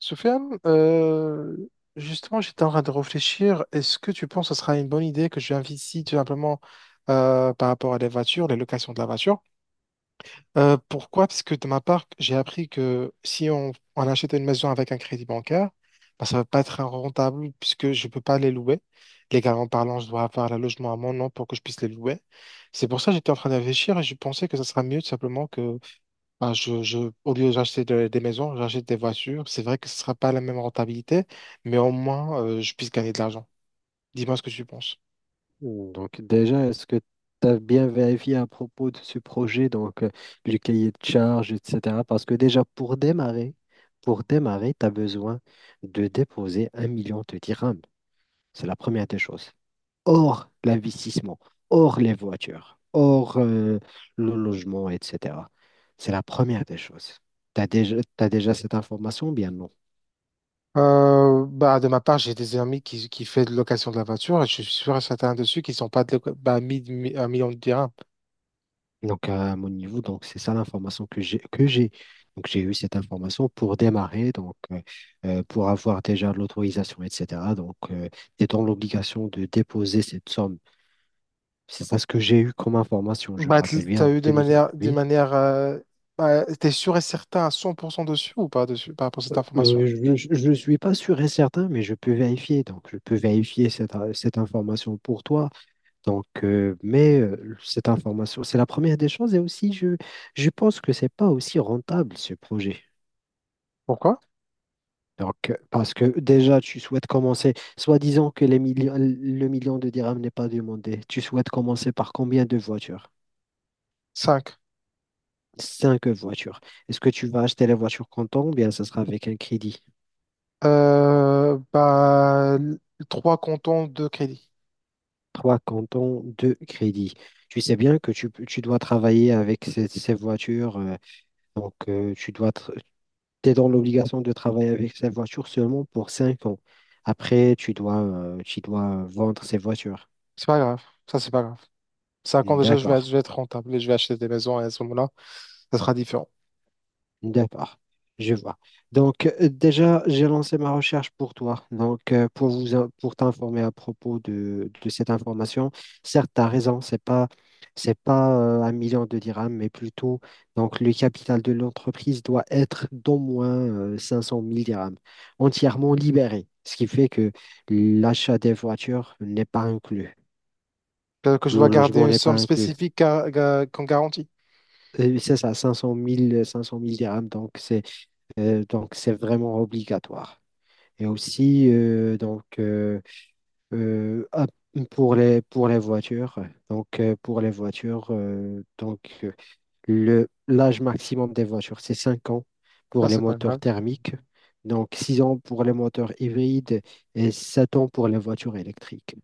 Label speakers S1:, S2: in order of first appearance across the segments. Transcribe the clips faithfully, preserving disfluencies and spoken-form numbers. S1: Soufiane, euh, justement, j'étais en train de réfléchir. Est-ce que tu penses que ce sera une bonne idée que je viens ici tout simplement euh, par rapport à les voitures, les locations de la voiture? Euh, pourquoi? Parce que de ma part, j'ai appris que si on, on achète une maison avec un crédit bancaire, bah, ça ne va pas être rentable puisque je ne peux pas les louer. Légalement parlant, je dois avoir le logement à mon nom pour que je puisse les louer. C'est pour ça que j'étais en train de réfléchir et je pensais que ce sera mieux tout simplement bah, je, je, au lieu d'acheter de- des maisons, j'achète des voitures. C'est vrai que ce sera pas la même rentabilité, mais au moins, euh, je puisse gagner de l'argent. Dis-moi ce que tu penses.
S2: Hmm, Donc déjà, est-ce que tu as bien vérifié à propos de ce projet, donc euh, du cahier de charge, et cetera. Parce que déjà, pour démarrer, pour démarrer, tu as besoin de déposer un million de dirhams. C'est la première des choses. Hors l'investissement, hors les voitures, hors euh, le logement, et cetera. C'est la première des choses. Tu as déjà, t'as déjà cette information, ou bien non?
S1: Euh, bah, de ma part, j'ai des amis qui, qui font de location de la voiture et je suis sûr et certain dessus qu'ils sont pas de, loca- bah, mis, mis- un million de dirhams.
S2: Donc, à mon niveau, donc c'est ça l'information que j'ai, que j'ai. Donc, j'ai eu cette information pour démarrer, donc euh, euh, pour avoir déjà l'autorisation, et cetera. Donc, euh, tu es dans l'obligation de déposer cette somme. C'est ça ce que j'ai eu comme information, je me
S1: Bah,
S2: rappelle
S1: t-
S2: bien,
S1: t'as
S2: en
S1: eu de
S2: deux mille vingt.
S1: manière, de
S2: Oui.
S1: manière, euh, bah, t'es sûr et certain à cent pour cent dessus ou pas dessus par rapport à cette
S2: Euh,
S1: information?
S2: euh, je ne suis pas sûr et certain, mais je peux vérifier. Donc, je peux vérifier cette, cette information pour toi. Donc, euh, mais euh, cette information, c'est la première des choses. Et aussi, je, je pense que c'est pas aussi rentable, ce projet.
S1: Pourquoi?
S2: Donc, euh, parce que déjà, tu souhaites commencer, soi-disant que les millions, le million de dirhams n'est pas demandé. Tu souhaites commencer par combien de voitures?
S1: Cinq.
S2: Cinq voitures. Est-ce que tu vas acheter la voiture comptant ou bien ça sera avec un crédit?
S1: Euh, bah, l- trois cantons de crédit.
S2: Trois comptants, deux crédits. Tu sais bien que tu, peux- tu dois travailler avec ces, ces voitures. euh, donc, euh, tu dois, es dans l'obligation de travailler avec ces voitures seulement pour cinq ans. Après, tu dois, euh, tu dois vendre ces voitures.
S1: C'est pas grave. Ça, c'est pas grave. Cinq ans déjà, je vais,
S2: D'accord.
S1: je vais être rentable et je vais acheter des maisons et à ce moment-là, ça sera différent.
S2: D'accord, je vois. Donc, euh, déjà, j'ai lancé ma recherche pour toi. Donc, euh, pour vous, in- pour t'informer à propos de, de cette information, certes, tu as raison, c'est pas, c'est pas euh, un million de dirhams, mais plutôt, donc, le capital de l'entreprise doit être d'au moins euh, cinq cent mille dirhams, entièrement libéré, ce qui fait que l'achat des voitures n'est pas inclus,
S1: Que, que je dois
S2: le
S1: garder
S2: logement
S1: une
S2: n'est pas
S1: somme
S2: inclus.
S1: spécifique gar- ga- qu'on garantit.
S2: Euh, C'est ça, cinq cent mille cinq cent mille dirhams, donc c'est euh, donc c'est vraiment obligatoire. Et aussi, euh, donc, euh, euh, ah, pour les, pour les voitures, donc, euh, pour les voitures, euh, donc, euh, le, l'âge maximum des voitures, c'est cinq ans pour
S1: Ça,
S2: les
S1: c'est pas
S2: moteurs
S1: grave.
S2: thermiques, donc six ans pour les moteurs hybrides et sept ans pour les voitures électriques.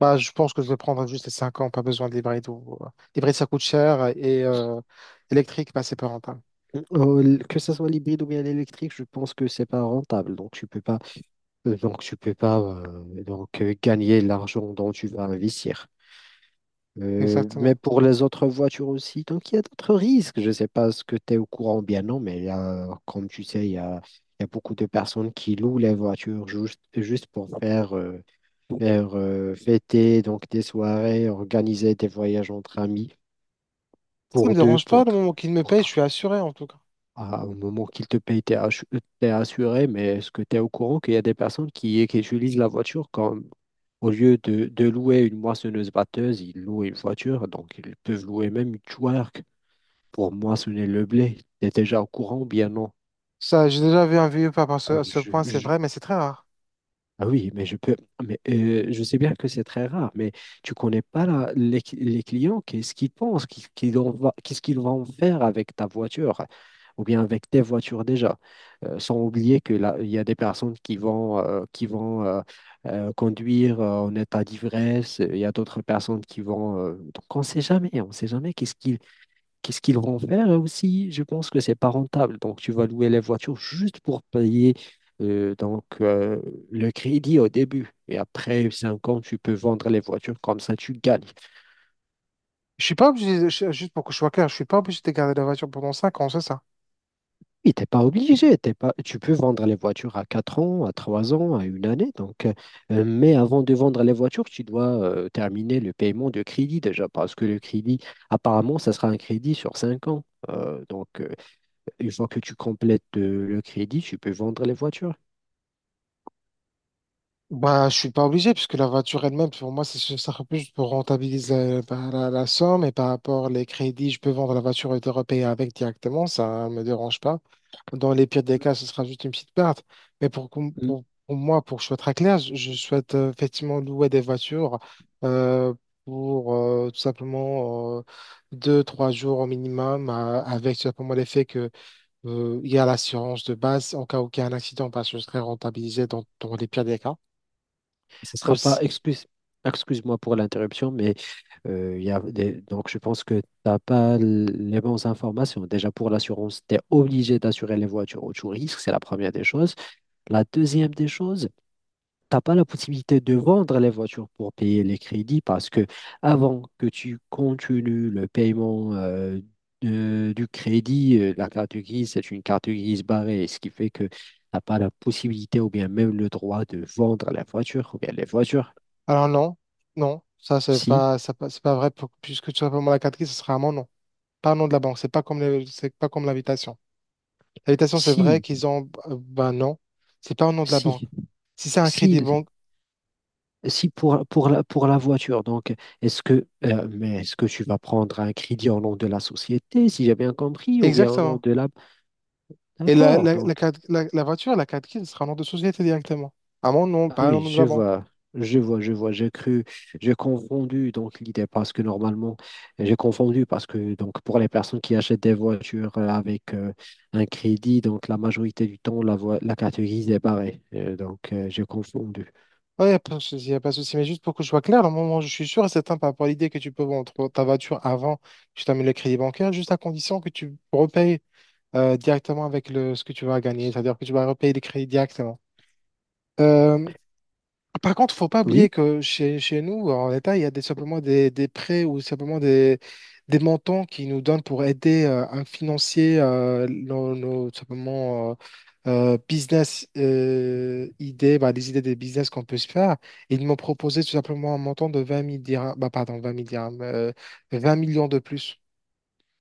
S1: Bah, je pense que je vais prendre juste les cinq ans, pas besoin d'hybride. Ou... L'hybride, ça coûte cher et euh, électrique, bah, c'est pas rentable.
S2: Oh, l- que ce soit l'hybride ou bien l'électrique, je pense que c'est pas rentable, donc tu peux pas, euh, donc, tu peux pas, euh, donc, euh, gagner l'argent dont tu vas investir. Euh, mais
S1: Exactement.
S2: pour les autres voitures aussi, donc il y a d'autres risques. Je ne sais pas ce que tu es au courant ou bien non, mais il y a, comme tu sais, il y a, il y a beaucoup de personnes qui louent les voitures juste, juste pour faire, euh, faire euh, fêter donc des soirées, organiser des voyages entre amis,
S1: Ça me
S2: pour deux,
S1: dérange
S2: pour,
S1: pas, le
S2: tr-
S1: moment qu'il me
S2: pour,
S1: paye, je
S2: tr-
S1: suis assuré en tout cas.
S2: ah, au moment qu'il te paye, t'es assu- t'es assuré, mais est-ce que tu es au courant qu'il y a des personnes qui, qui utilisent la voiture comme au lieu de, de louer une moissonneuse-batteuse, ils louent une voiture, donc ils peuvent louer même une twerk pour moissonner le blé. T'es déjà au courant, ou bien non.
S1: Ça, j'ai déjà vu un vieux pas à ce,
S2: Euh,
S1: à ce point, c'est
S2: Je,
S1: vrai, mais c'est très rare.
S2: Ah oui, mais je peux, mais euh, je sais bien que c'est très rare, mais tu connais pas la- les, les clients, qu'est-ce qu'ils pensent, qu'est-ce qu'ils en va- qu'est-ce qu'ils vont faire avec ta voiture ou bien avec tes voitures déjà. Euh, sans oublier que là, il y a des personnes qui vont, euh, qui vont euh, euh, conduire euh, en état d'ivresse, il y a d'autres personnes qui vont, euh, donc on ne sait jamais, on ne sait jamais qu'est-ce qu'ils Qu'est-ce qu'ils vont faire. Et aussi? Je pense que c'est pas rentable. Donc, tu vas louer les voitures juste pour payer euh, donc, euh, le crédit au début. Et après cinq ans, tu peux vendre les voitures comme ça, tu gagnes.
S1: Je suis pas obligé, de- je- juste pour que je sois clair, je suis pas obligé de garder la voiture pendant cinq ans, c'est ça?
S2: Oui, t'es pas obligé, t'es pas... tu peux vendre les voitures à quatre ans, à trois ans, à une année. Donc, euh, euh, mais avant de vendre les voitures, tu dois euh, terminer le paiement de crédit déjà, parce que le crédit, apparemment, ça sera un crédit sur cinq ans. Euh, donc, euh, une fois que tu complètes euh, le crédit, tu peux vendre les voitures.
S1: Bah, je suis pas obligé, puisque la voiture elle-même, pour moi, c'est ça sera plus pour rentabiliser euh, bah, la, la somme et par rapport les crédits, je peux vendre la voiture et te repayer avec directement, ça me dérange pas. Dans les pires des cas, ce sera juste une petite perte. Mais pour, qu'on-
S2: Mm.
S1: pour, pour moi, pour que je sois très clair, je, je souhaite euh, effectivement louer des voitures euh, pour euh, tout simplement euh, deux, trois jours au minimum, euh, avec tout simplement l'effet que euh, il y a l'assurance de base en cas où il y a un accident, parce que je serai rentabilisé dans, dans les pires des cas.
S2: Ce sera pas
S1: Aussi.
S2: excuse, excuse-moi pour l'interruption, mais euh, il y a des- donc je pense que tu n'as pas l- les bonnes informations. Déjà pour l'assurance, tu es obligé d'assurer les voitures au tout risque, c'est la première des choses. La deuxième des choses, t'as pas la possibilité de vendre les voitures pour payer les crédits parce que avant que tu continues le paiement euh, de- du crédit, euh, la carte grise, c'est une carte grise barrée, ce qui fait que t'as pas la possibilité ou bien même le droit de vendre la voiture ou bien les voitures.
S1: Alors non, non, ça c'est
S2: Si,
S1: pas, ça pas- c'est pas vrai, pour- puisque tout simplement la catégorie, ce sera un nom, non. Pas un nom de la banque, c'est pas comme les- c'est pas comme l'invitation. L'habitation c'est vrai
S2: si,
S1: qu'ils ont. euh, Ben non, c'est pas au nom de la banque.
S2: si,
S1: Si c'est un
S2: si,
S1: crédit banque,
S2: si pour, pour la, pour la voiture. Donc, est-ce que, euh, mais est-ce que tu vas prendre un crédit au nom de la société, si j'ai bien compris, ou bien au nom
S1: exactement.
S2: de la...
S1: Et la,
S2: D'accord,
S1: la, la,
S2: donc.
S1: carte- la- la voiture, la carte grise sera au nom de société directement. À mon nom,
S2: Ah
S1: pas au
S2: oui,
S1: nom de
S2: je
S1: la banque.
S2: vois, je vois, je vois. J'ai cru, j'ai confondu donc l'idée parce que normalement, j'ai confondu parce que donc pour les personnes qui achètent des voitures euh, avec euh, un crédit, donc la majorité du temps la voi- la carte grise est barrée. Euh, donc euh, j'ai confondu.
S1: Ouais, y a pas de souci, y a pas de souci. Mais juste pour que je sois clair, au moment où je suis sûr et certain par rapport à l'idée que tu peux vendre ta voiture avant que tu termines le crédit bancaire, juste à condition que tu repayes euh, directement avec le, ce que tu vas gagner, c'est-à-dire que tu vas repayer les crédits directement. Euh, Ah, Par contre, faut pas
S2: Oui,
S1: oublier que chez, chez nous, en l'État, il y a des, simplement des, des prêts ou simplement des, des montants qui nous donnent pour aider euh, à financer euh, nos, nos, simplement, euh, euh, business euh, idées, bah, les idées des business qu'on peut se faire. Et ils m'ont proposé tout simplement un montant de vingt mille dirhams, bah, pardon, vingt mille dirhams, euh, vingt millions de plus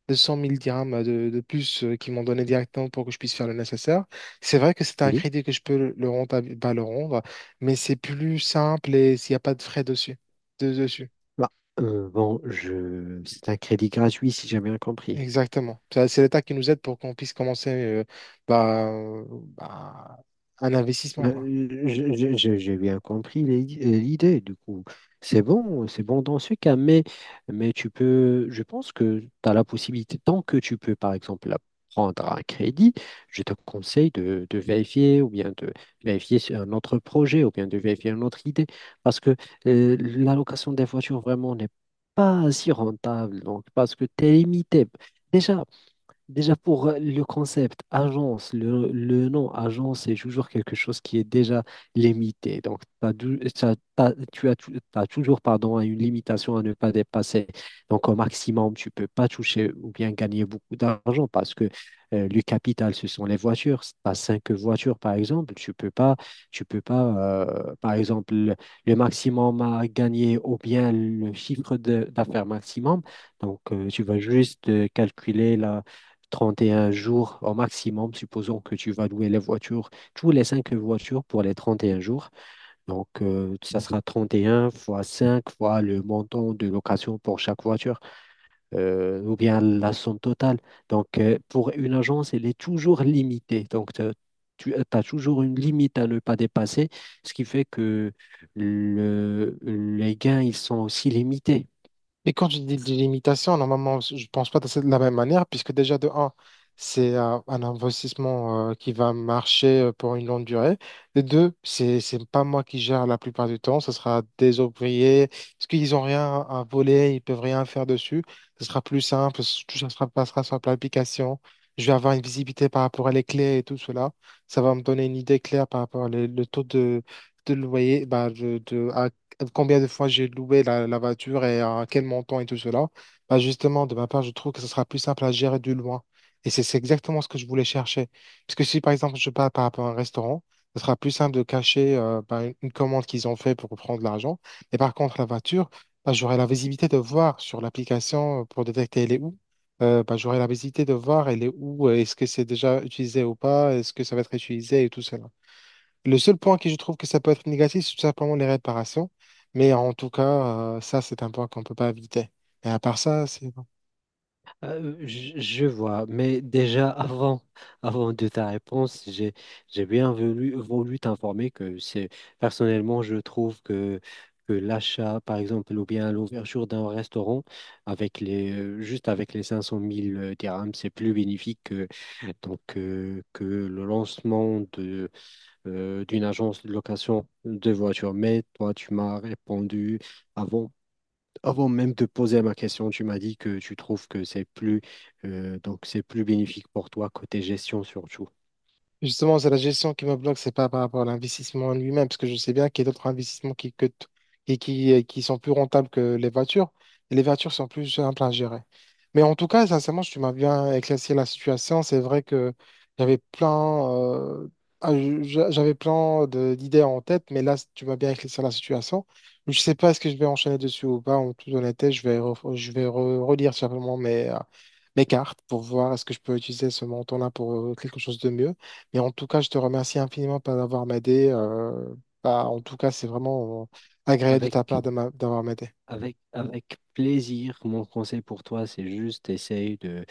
S1: deux cent mille dirhams de, de plus euh, qu'ils m'ont donné directement pour que je puisse faire le nécessaire. C'est vrai que c'est un
S2: oui.
S1: crédit que je peux le, le rentable- pas le rendre, mais c'est plus simple et s'il n'y a pas de frais dessus. De- dessus.
S2: Bah, euh, bon, je, c'est un crédit gratuit si j'ai bien compris.
S1: Exactement. Ça, c'est l'État qui nous aide pour qu'on puisse commencer euh, bah, euh, bah, un investissement, quoi.
S2: Euh, je- je- je- J'ai bien compris l'i- l'idée, du coup. C'est bon, c'est bon dans ce cas, mais, mais, tu peux, je pense que tu as la possibilité, tant que tu peux, par exemple, prendre un crédit, je te conseille de, de vérifier ou bien de vérifier sur un autre projet ou bien de vérifier une autre idée, parce que euh, l'allocation des voitures vraiment n'est pas si rentable, donc parce que tu es limité. Déjà, Déjà pour euh, le concept agence, le, le nom agence, c'est toujours quelque chose qui est déjà limité. Donc, t'as dou- t'as- t'as- tu as, tou- t'as toujours pardon, une limitation à ne pas dépasser. Donc, au maximum, tu peux pas toucher ou bien gagner beaucoup d'argent parce que euh, le capital, ce sont les voitures. Tu as cinq voitures, par exemple. Tu peux pas, tu peux pas euh, par exemple, le, le maximum à gagner ou bien le chiffre de- d'affaires maximum. Donc, euh, tu vas juste euh, calculer la trente et un jours au maximum, supposons que tu vas louer les voitures, tous les cinq voitures pour les trente et un jours. Donc, euh, ça sera trente et un fois cinq fois le montant de location pour chaque voiture, euh, ou bien la somme totale. Donc, euh, pour une agence, elle est toujours limitée. Donc, t'as- tu as toujours une limite à ne pas dépasser, ce qui fait que le- les gains, ils sont aussi limités.
S1: Mais quand je dis délimitation, normalement, je ne pense pas de cette- de la même manière, puisque déjà, de un, c'est euh, un investissement euh, qui va marcher euh, pour une longue durée. De deux, c'est c'est pas moi qui gère la plupart du temps, ce sera des ouvriers, parce qu'ils n'ont rien à voler, ils peuvent rien faire dessus. Ce sera plus simple, tout ça sera, passera sur l'application. Je vais avoir une visibilité par rapport à les clés et tout cela. Ça va me donner une idée claire par rapport au taux de, de loyer, bah, de, combien de fois j'ai loué la, la voiture et à quel montant et tout cela. Bah justement, de ma part, je trouve que ce sera plus simple à gérer de loin. Et c'est c'est exactement ce que je voulais chercher. Parce que si, par exemple, je pars par rapport à un restaurant, ce sera plus simple de cacher euh, bah, une une commande qu'ils ont fait pour prendre l'argent. Et par contre, la voiture, bah, j'aurai la visibilité de voir sur l'application euh, pour détecter elle est où. Euh, bah, j'aurai la visibilité de voir elle est où, euh, est-ce que c'est déjà utilisé ou pas, est-ce que ça va être utilisé et tout cela. Le seul point que je trouve que ça peut être négatif, c'est tout simplement les réparations. Mais en tout cas, euh, ça, c'est un point qu'on ne peut pas éviter. Et à part ça, c'est... bon.
S2: Euh, je je vois, mais déjà avant, avant de ta réponse, j'ai, j'ai bien voulu, voulu t'informer que c'est, personnellement, je trouve que, que l'achat, par exemple, ou bien l'ouverture d'un restaurant avec les, euh, juste avec les cinq cent mille euh, dirhams, c'est plus bénéfique que, donc, euh, que le lancement de, euh, d'une agence de location de voitures. Mais toi, tu m'as répondu avant avant même de poser ma question, tu m'as dit que tu trouves que c'est plus euh, donc c'est plus bénéfique pour toi côté gestion surtout.
S1: Justement, c'est la gestion qui me bloque, c'est pas par rapport à l'investissement en lui-même, parce que je sais bien qu'il y a d'autres investissements qui, que t- et qui, euh, qui sont plus rentables que les voitures, et les voitures sont plus simples à gérer. Mais en tout cas, sincèrement, tu m'as bien éclairci la situation. C'est vrai que j'avais plein, euh, ah, je- j'avais plein de- d'idées en tête, mais là, tu m'as bien éclairci la situation. Je sais pas est-ce que je vais enchaîner dessus ou pas. En toute honnêteté, je vais, ref- je vais re- relire simplement mes, euh, mes cartes pour voir est-ce que je peux utiliser ce montant-là pour euh, quelque chose de mieux. Et en tout cas, je te remercie infiniment pour d'avoir m'aidé. Euh, bah, en tout cas, c'est vraiment euh, agréable de ta
S2: Avec
S1: part de m'a- d'avoir m'aidé.
S2: avec avec plaisir, mon conseil pour toi, c'est juste essaye de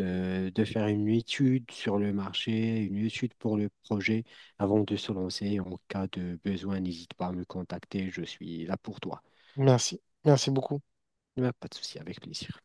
S2: euh, de faire une étude sur le marché, une étude pour le projet avant de se lancer. En cas de besoin, n'hésite pas à me contacter, je suis là pour toi.
S1: Merci. Merci beaucoup.
S2: Il pas de souci, avec plaisir.